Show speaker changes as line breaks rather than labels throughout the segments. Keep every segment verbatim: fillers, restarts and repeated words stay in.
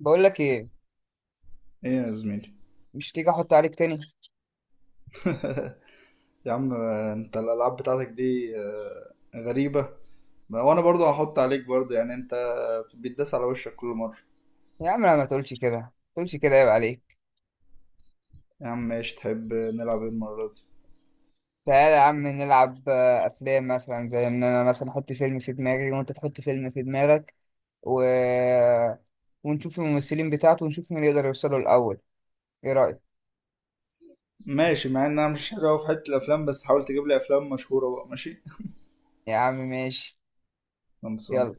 بقول لك ايه،
ايه يا زميلي؟
مش تيجي احط عليك تاني؟
يا عم، انت الالعاب بتاعتك دي آه، غريبه. ما- وانا برضو هحط عليك برضو، يعني انت بتداس على وشك كل مره.
يا عم لا، ما تقولش كده، ما تقولش كده، عيب عليك.
يا عم ماشي، تحب نلعب ايه المره دي؟
تعالى يا عم نلعب آه، افلام مثلا، زي ان انا مثلا احط فيلم في دماغي وانت تحط فيلم في دماغك و... ونشوف الممثلين بتاعته ونشوف مين يقدر يوصله الاول. ايه رايك؟
ماشي، مع ان انا مش حلو أوي في حته الافلام، بس حاول تجيب لي افلام مشهوره بقى. ماشي.
يا عم ماشي،
خلصان.
يلا.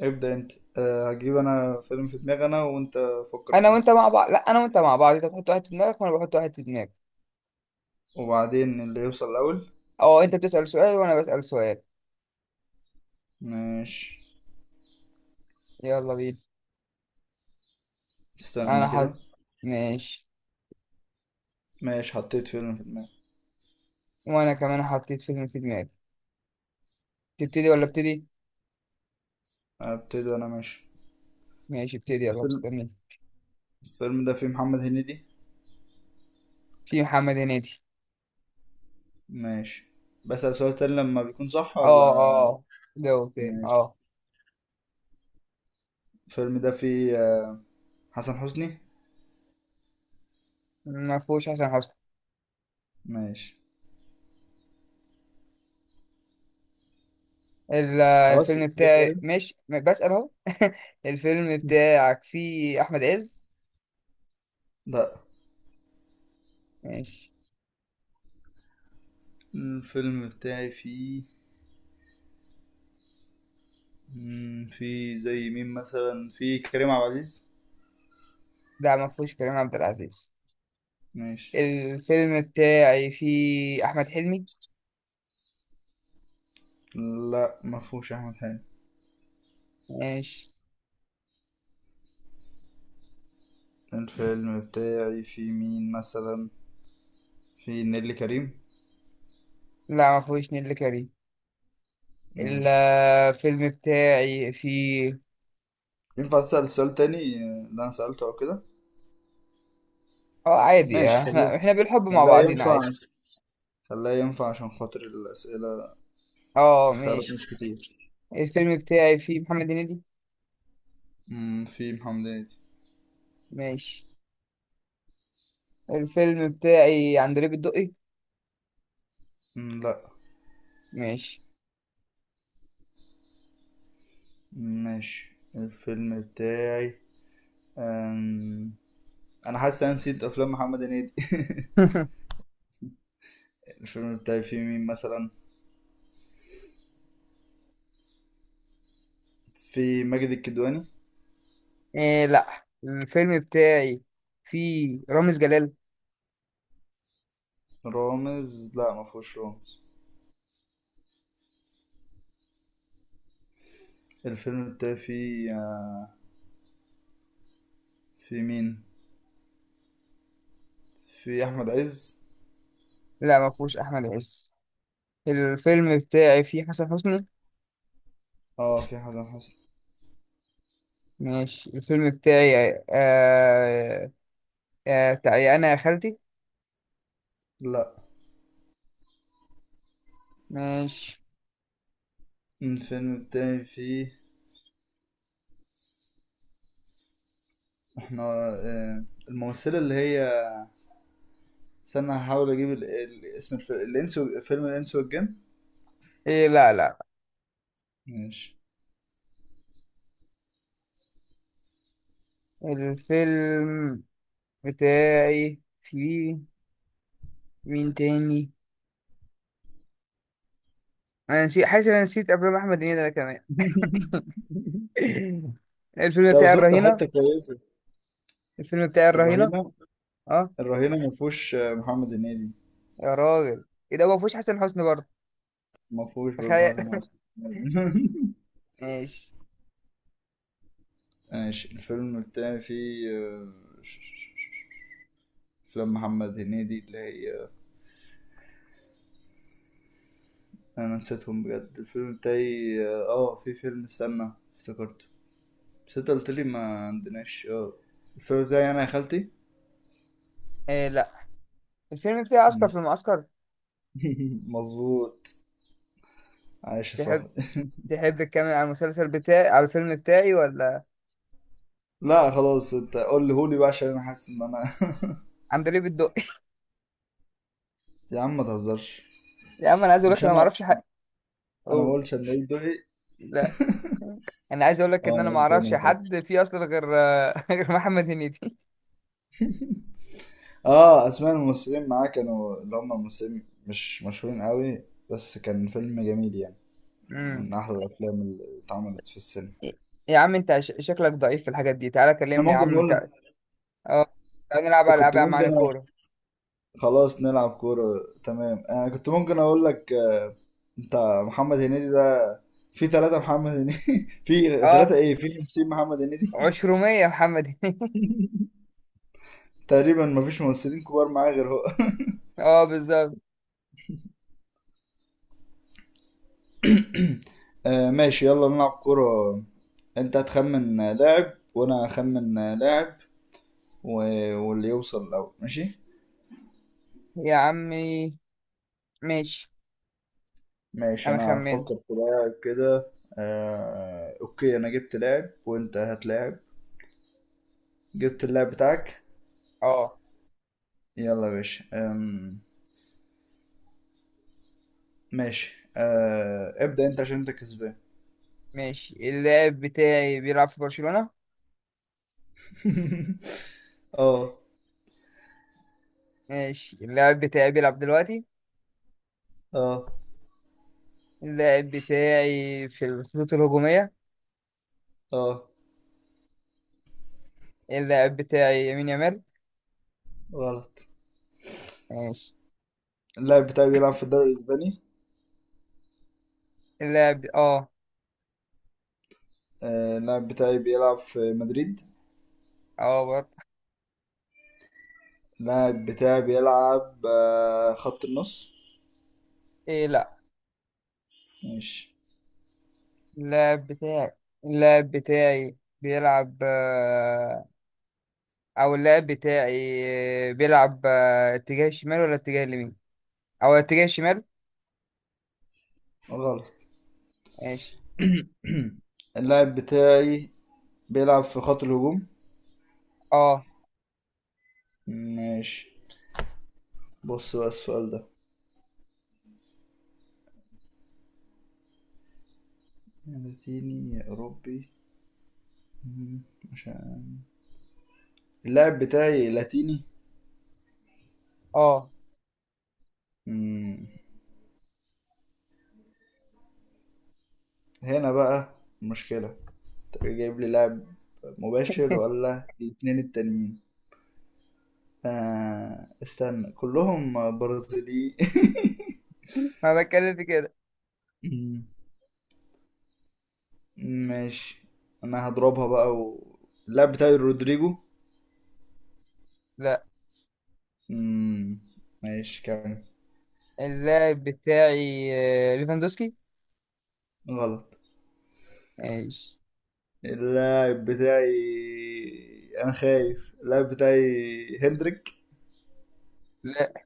ابدا انت. أه، هجيب انا فيلم في دماغي، انا وانت فكر
انا
فيه،
وانت مع بعض، لا، انا وانت مع بعض، انت بتحط واحد في دماغك وانا بحط واحد في دماغي.
وبعدين اللي يوصل الاول.
او انت بتسال سؤال وانا بسال سؤال.
ماشي.
يلا بينا. انا
استنى كده.
حط. ماشي.
ماشي، حطيت فيلم في دماغي.
وانا كمان حطيت فيلم في دماغي. تبتدي ولا ابتدي؟
ابتدي انا؟ ماشي.
ماشي ابتدي، يلا
الفيلم،
مستني.
الفيلم ده فيه محمد هنيدي.
في محمد هنيدي.
ماشي. بسأل سؤال تاني لما بيكون صح
اه.
ولا؟
اه. جو تاني.
ماشي.
اه.
الفيلم ده فيه آه، حسن حسني.
ما فيهوش حسن حسني.
ماشي.
ال-
خلاص،
الفيلم
اسأل
بتاعي
انت.
ماشي، م- بسأل اهو. الفيلم بتاعك فيه احمد عز؟
لا.
ماشي.
الفيلم بتاعي فيه مم، فيه زي مين مثلا؟ فيه كريم عبد العزيز؟
لا، ما فيهوش كريم عبد العزيز.
ماشي.
الفيلم بتاعي فيه احمد حلمي.
لا ما فيهوش احمد حلمي.
ماشي.
الفيلم بتاعي فيه مين مثلا؟ فيه نيللي كريم؟
لا، ما فيهوش نيللي كريم.
ماشي.
الفيلم بتاعي فيه.
ينفع تسأل السؤال تاني آه، اللي انا سألته او كده؟
اه، عادي.
ماشي،
آه،
خليه،
احنا احنا بالحب مع
خليها
بعضينا
ينفع،
عادي.
خليها ينفع عشان خاطر الأسئلة،
اه
الخيارات
ماشي.
مش كتير.
الفيلم بتاعي فيه محمد هنيدي.
مم، في محمد هنيدي.
ماشي. الفيلم بتاعي عندليب الدقي.
مم، لا.
ماشي.
ماشي. الفيلم بتاعي أم... انا حاسس انا نسيت افلام محمد هنيدي. الفيلم بتاعي فيه مين مثلا؟ في ماجد الكدواني.
إيه لا، الفيلم بتاعي فيه رامز جلال.
رامز؟ لا، ما فيهوش رامز. الفيلم بتاعي فيه، في مين، في احمد عز؟
لا، ما فيهوش احمد عز. الفيلم بتاعي فيه حسن حسني.
اه، في حسن حسني.
ماشي. الفيلم بتاعي آه آه بتاعي انا يا خالتي.
لا.
ماشي.
الفيلم بتاعي فيه احنا آه، الممثلة اللي هي، استنى هحاول اجيب ال... ال... اسم الفيلم الانس و... فيلم الانس والجن.
إيه لا، لا.
ماشي.
الفيلم بتاعي فيه مين تاني؟ انا نسيت، حاسس إن انا نسيت افلام احمد هنيدي انا كمان. الفيلم
ده
بتاعي
وصلت
الرهينة.
لحته كويسه.
الفيلم بتاعي الرهينة.
الرهينه.
اه.
الرهينه ما فيهوش محمد هنيدي.
يا راجل، ايه ده؟ هو مفيهوش حسن حسني برضه؟
ما فيهوش برضه
تخيل.
حسن حسني.
ماشي.
ماشي. الفيلم التاني فيه آه، ش- ش- ش- ش- افلام محمد هنيدي اللي هي آه، انا نسيتهم بجد. الفيلم التاني اه آه، في فيلم، استنى افتكرته، بس انت قلت لي ما عندناش. اه، الفيلم بتاعي انا يا خالتي.
إيه لا، الفيلم بتاعي عسكر
مم.
في المعسكر.
مظبوط. عايش يا
تحب
صاحبي.
تحب تكمل على المسلسل بتاعي على الفيلم بتاعي ولا؟
لا خلاص، انت قول لي هولي بقى عشان انا حاسس ان انا
عندليب الدقي.
يا عم ما تهزرش.
يا عم انا عايز اقول لك
مش
انا ما
انا،
اعرفش حد.
انا ما
أوه.
قلتش ان دقي.
لا، انا عايز اقول لك
اه،
ان انا
انا
ما
قلت
اعرفش
انا غلط.
حد فيه اصلا غير. غير محمد هنيدي.
اه، اسماء الممثلين معاه كانوا اللي هم ممثلين مش مشهورين قوي، بس كان فيلم جميل يعني،
امم.
من احلى الافلام اللي اتعملت في السينما.
يا عم انت ش- شكلك ضعيف في الحاجات دي. تعالى
احنا
كلمني يا
ممكن
عم انت.
نقول،
اه، تعالى نلعب على العاب
كنت
يا عم عن
ممكن أ-
الكوره.
خلاص نلعب كورة، تمام. انا كنت ممكن اقول لك آه، انت، محمد هنيدي ده في ثلاثة محمد هنيدي، في
اه،
ثلاثة ايه، في خمسين محمد هنيدي.
عشرمية يا محمد هنيدي.
تقريبا مفيش ممثلين كبار معاه غير هو.
اه بالظبط.
آه ماشي، يلا نلعب كورة. انت هتخمن لاعب وانا هخمن لاعب و... واللي يوصل الاول. ماشي.
يا عمي ماشي،
ماشي،
انا
انا
خمنت.
هفكر في لاعب كده. آه... اوكي، انا جبت لاعب، وانت هتلاعب. جبت اللاعب بتاعك؟
اه
يلا يا باشا. آم... ماشي، آه... ابدأ انت عشان انت كسبان.
ماشي. اللاعب بتاعي بيلعب في برشلونة.
اه.
ماشي. اللاعب بتاعي بيلعب دلوقتي.
اه.
اللاعب بتاعي في الخطوط الهجومية.
اه.
اللاعب بتاعي يمين يامال.
غلط.
ماشي.
اللاعب بتاعي بيلعب في الدوري الاسباني.
اللاعب اه.
آه، اللاعب بتاعي بيلعب في مدريد.
اه برضه.
اللاعب بتاعي بيلعب آه، خط النص.
ايه لا.
ماشي.
اللاعب بتاعي اللاعب بتاعي بيلعب آه، او اللاعب بتاعي بيلعب آه، اتجاه الشمال ولا اتجاه اليمين؟ او اتجاه الشمال.
غلط.
ماشي.
اللاعب بتاعي بيلعب في خط الهجوم.
اه.
ماشي. بص بقى السؤال ده، لاتيني أوروبي؟ مم، مش عارف. اللاعب بتاعي لاتيني.
اه.
مم، هنا بقى مشكلة، انت جايب لي لاعب مباشر ولا الاتنين التانيين؟ آه، استنى، كلهم برازيليين.
ما بتكلم في كده.
ماشي. انا هضربها بقى و... اللاعب بتاعي رودريجو. مم. ماشي كمل.
اللاعب بتاعي آه، ليفاندوسكي.
غلط.
ماشي.
اللاعب بتاعي، انا خايف اللاعب بتاعي هندريك.
لا.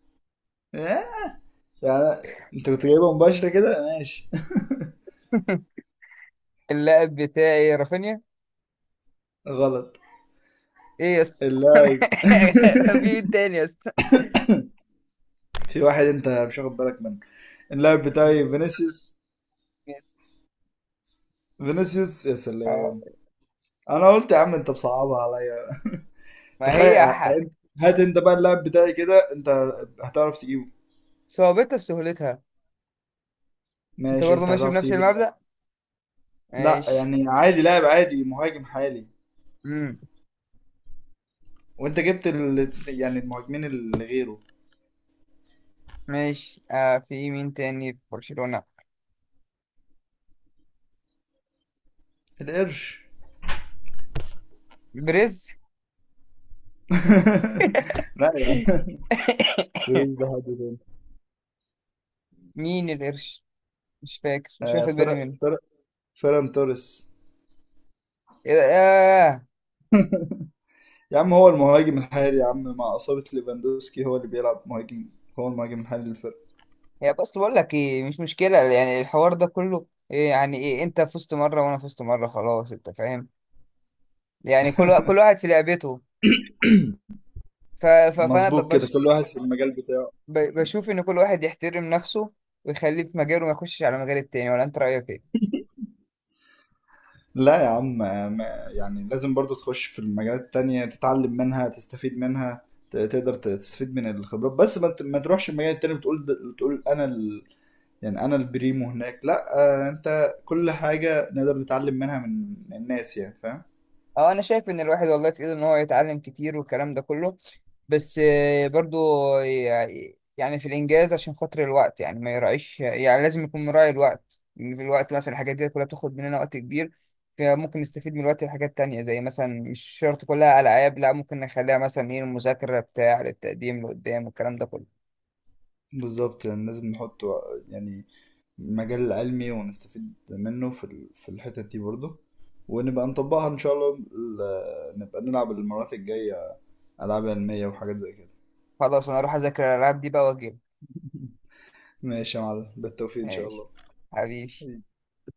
آه، يعني انت كنت جايبها مباشرة كده؟ ماشي.
اللاعب بتاعي رافينيا.
غلط.
ايه يا اسطى.
اللاعب.
في مين تاني يا اسطى؟
في واحد انت مش واخد بالك منه، اللاعب
مم.
بتاعي فينيسيوس.
يس.
فينيسيوس يا
اه.
سلام. انا قلت يا عم انت بصعبها عليا.
ما هي ح-
تخيل. هات انت بقى اللاعب بتاعي كده، انت هتعرف تجيبه؟
صعوبتها في سهولتها. انت
ماشي،
برضه
انت
ماشي
هتعرف
بنفس
تجيب
المبدأ.
اللاعب. لا
ماشي.
يعني عادي، لاعب عادي، مهاجم حالي،
امم.
وانت جبت ال... يعني المهاجمين اللي غيره.
ماشي آه في مين تاني في برشلونة؟
القرش.
بريز.
لا يا عم، بريز ده حد تاني.
مين القرش؟ مش فاكر، مش
آه،
واخد بالي
فرق
منه.
فرق فيران توريس.
إيه ده؟
يا عم هو المهاجم الحالي يا عم، مع إصابة ليفاندوسكي هو اللي بيلعب مهاجم، هو المهاجم الحالي للفرقة.
هي بس بقول لك ايه، مش مشكلة يعني الحوار ده كله. إيه يعني ايه؟ انت فزت مرة وانا فزت مرة، خلاص. انت فاهم؟ يعني كل وا- كل واحد في لعبته. ف... ف... فانا ب...
مظبوط كده،
بش...
كل واحد في المجال بتاعه.
ب... بشوف ان كل واحد يحترم نفسه، ويخليه في مجاله، ما يخشش على مجال التاني، ولا انت رأيك ايه؟
لا يا عم ما- يعني لازم برضو تخش في المجالات التانية تتعلم منها تستفيد منها، ت- تقدر تستفيد من الخبرات، بس ما ت- ما تروحش المجال التاني بتقول د- بتقول انا ال... يعني انا البريمو هناك، لا. آه، انت كل حاجة نقدر نتعلم منها من الناس، يعني فاهم.
اه، انا شايف ان الواحد والله في ايده ان هو يتعلم كتير والكلام ده كله. بس آه، برضو، يع- يعني في الإنجاز عشان خاطر الوقت، يعني ما يراعيش، يعني لازم يكون مراعي الوقت، إن في الوقت مثلا الحاجات دي كلها بتاخد مننا وقت كبير. فممكن نستفيد من الوقت في حاجات تانية، زي مثلا مش شرط كلها ألعاب، لا ممكن نخليها مثلا إيه المذاكرة بتاع للتقديم لقدام والكلام ده كله.
بالظبط، يعني لازم نحط و- يعني مجال علمي ونستفيد منه في ال- في الحتت دي برضو، ونبقى نطبقها ان شاء الله، ال- نبقى نلعب المرات الجاية العاب علمية وحاجات زي كده.
خلاص، أنا أروح أذاكر الألعاب دي بقى وأجيب.
ماشي يا معلم، بالتوفيق ان شاء
ماشي
الله.
حبيبي.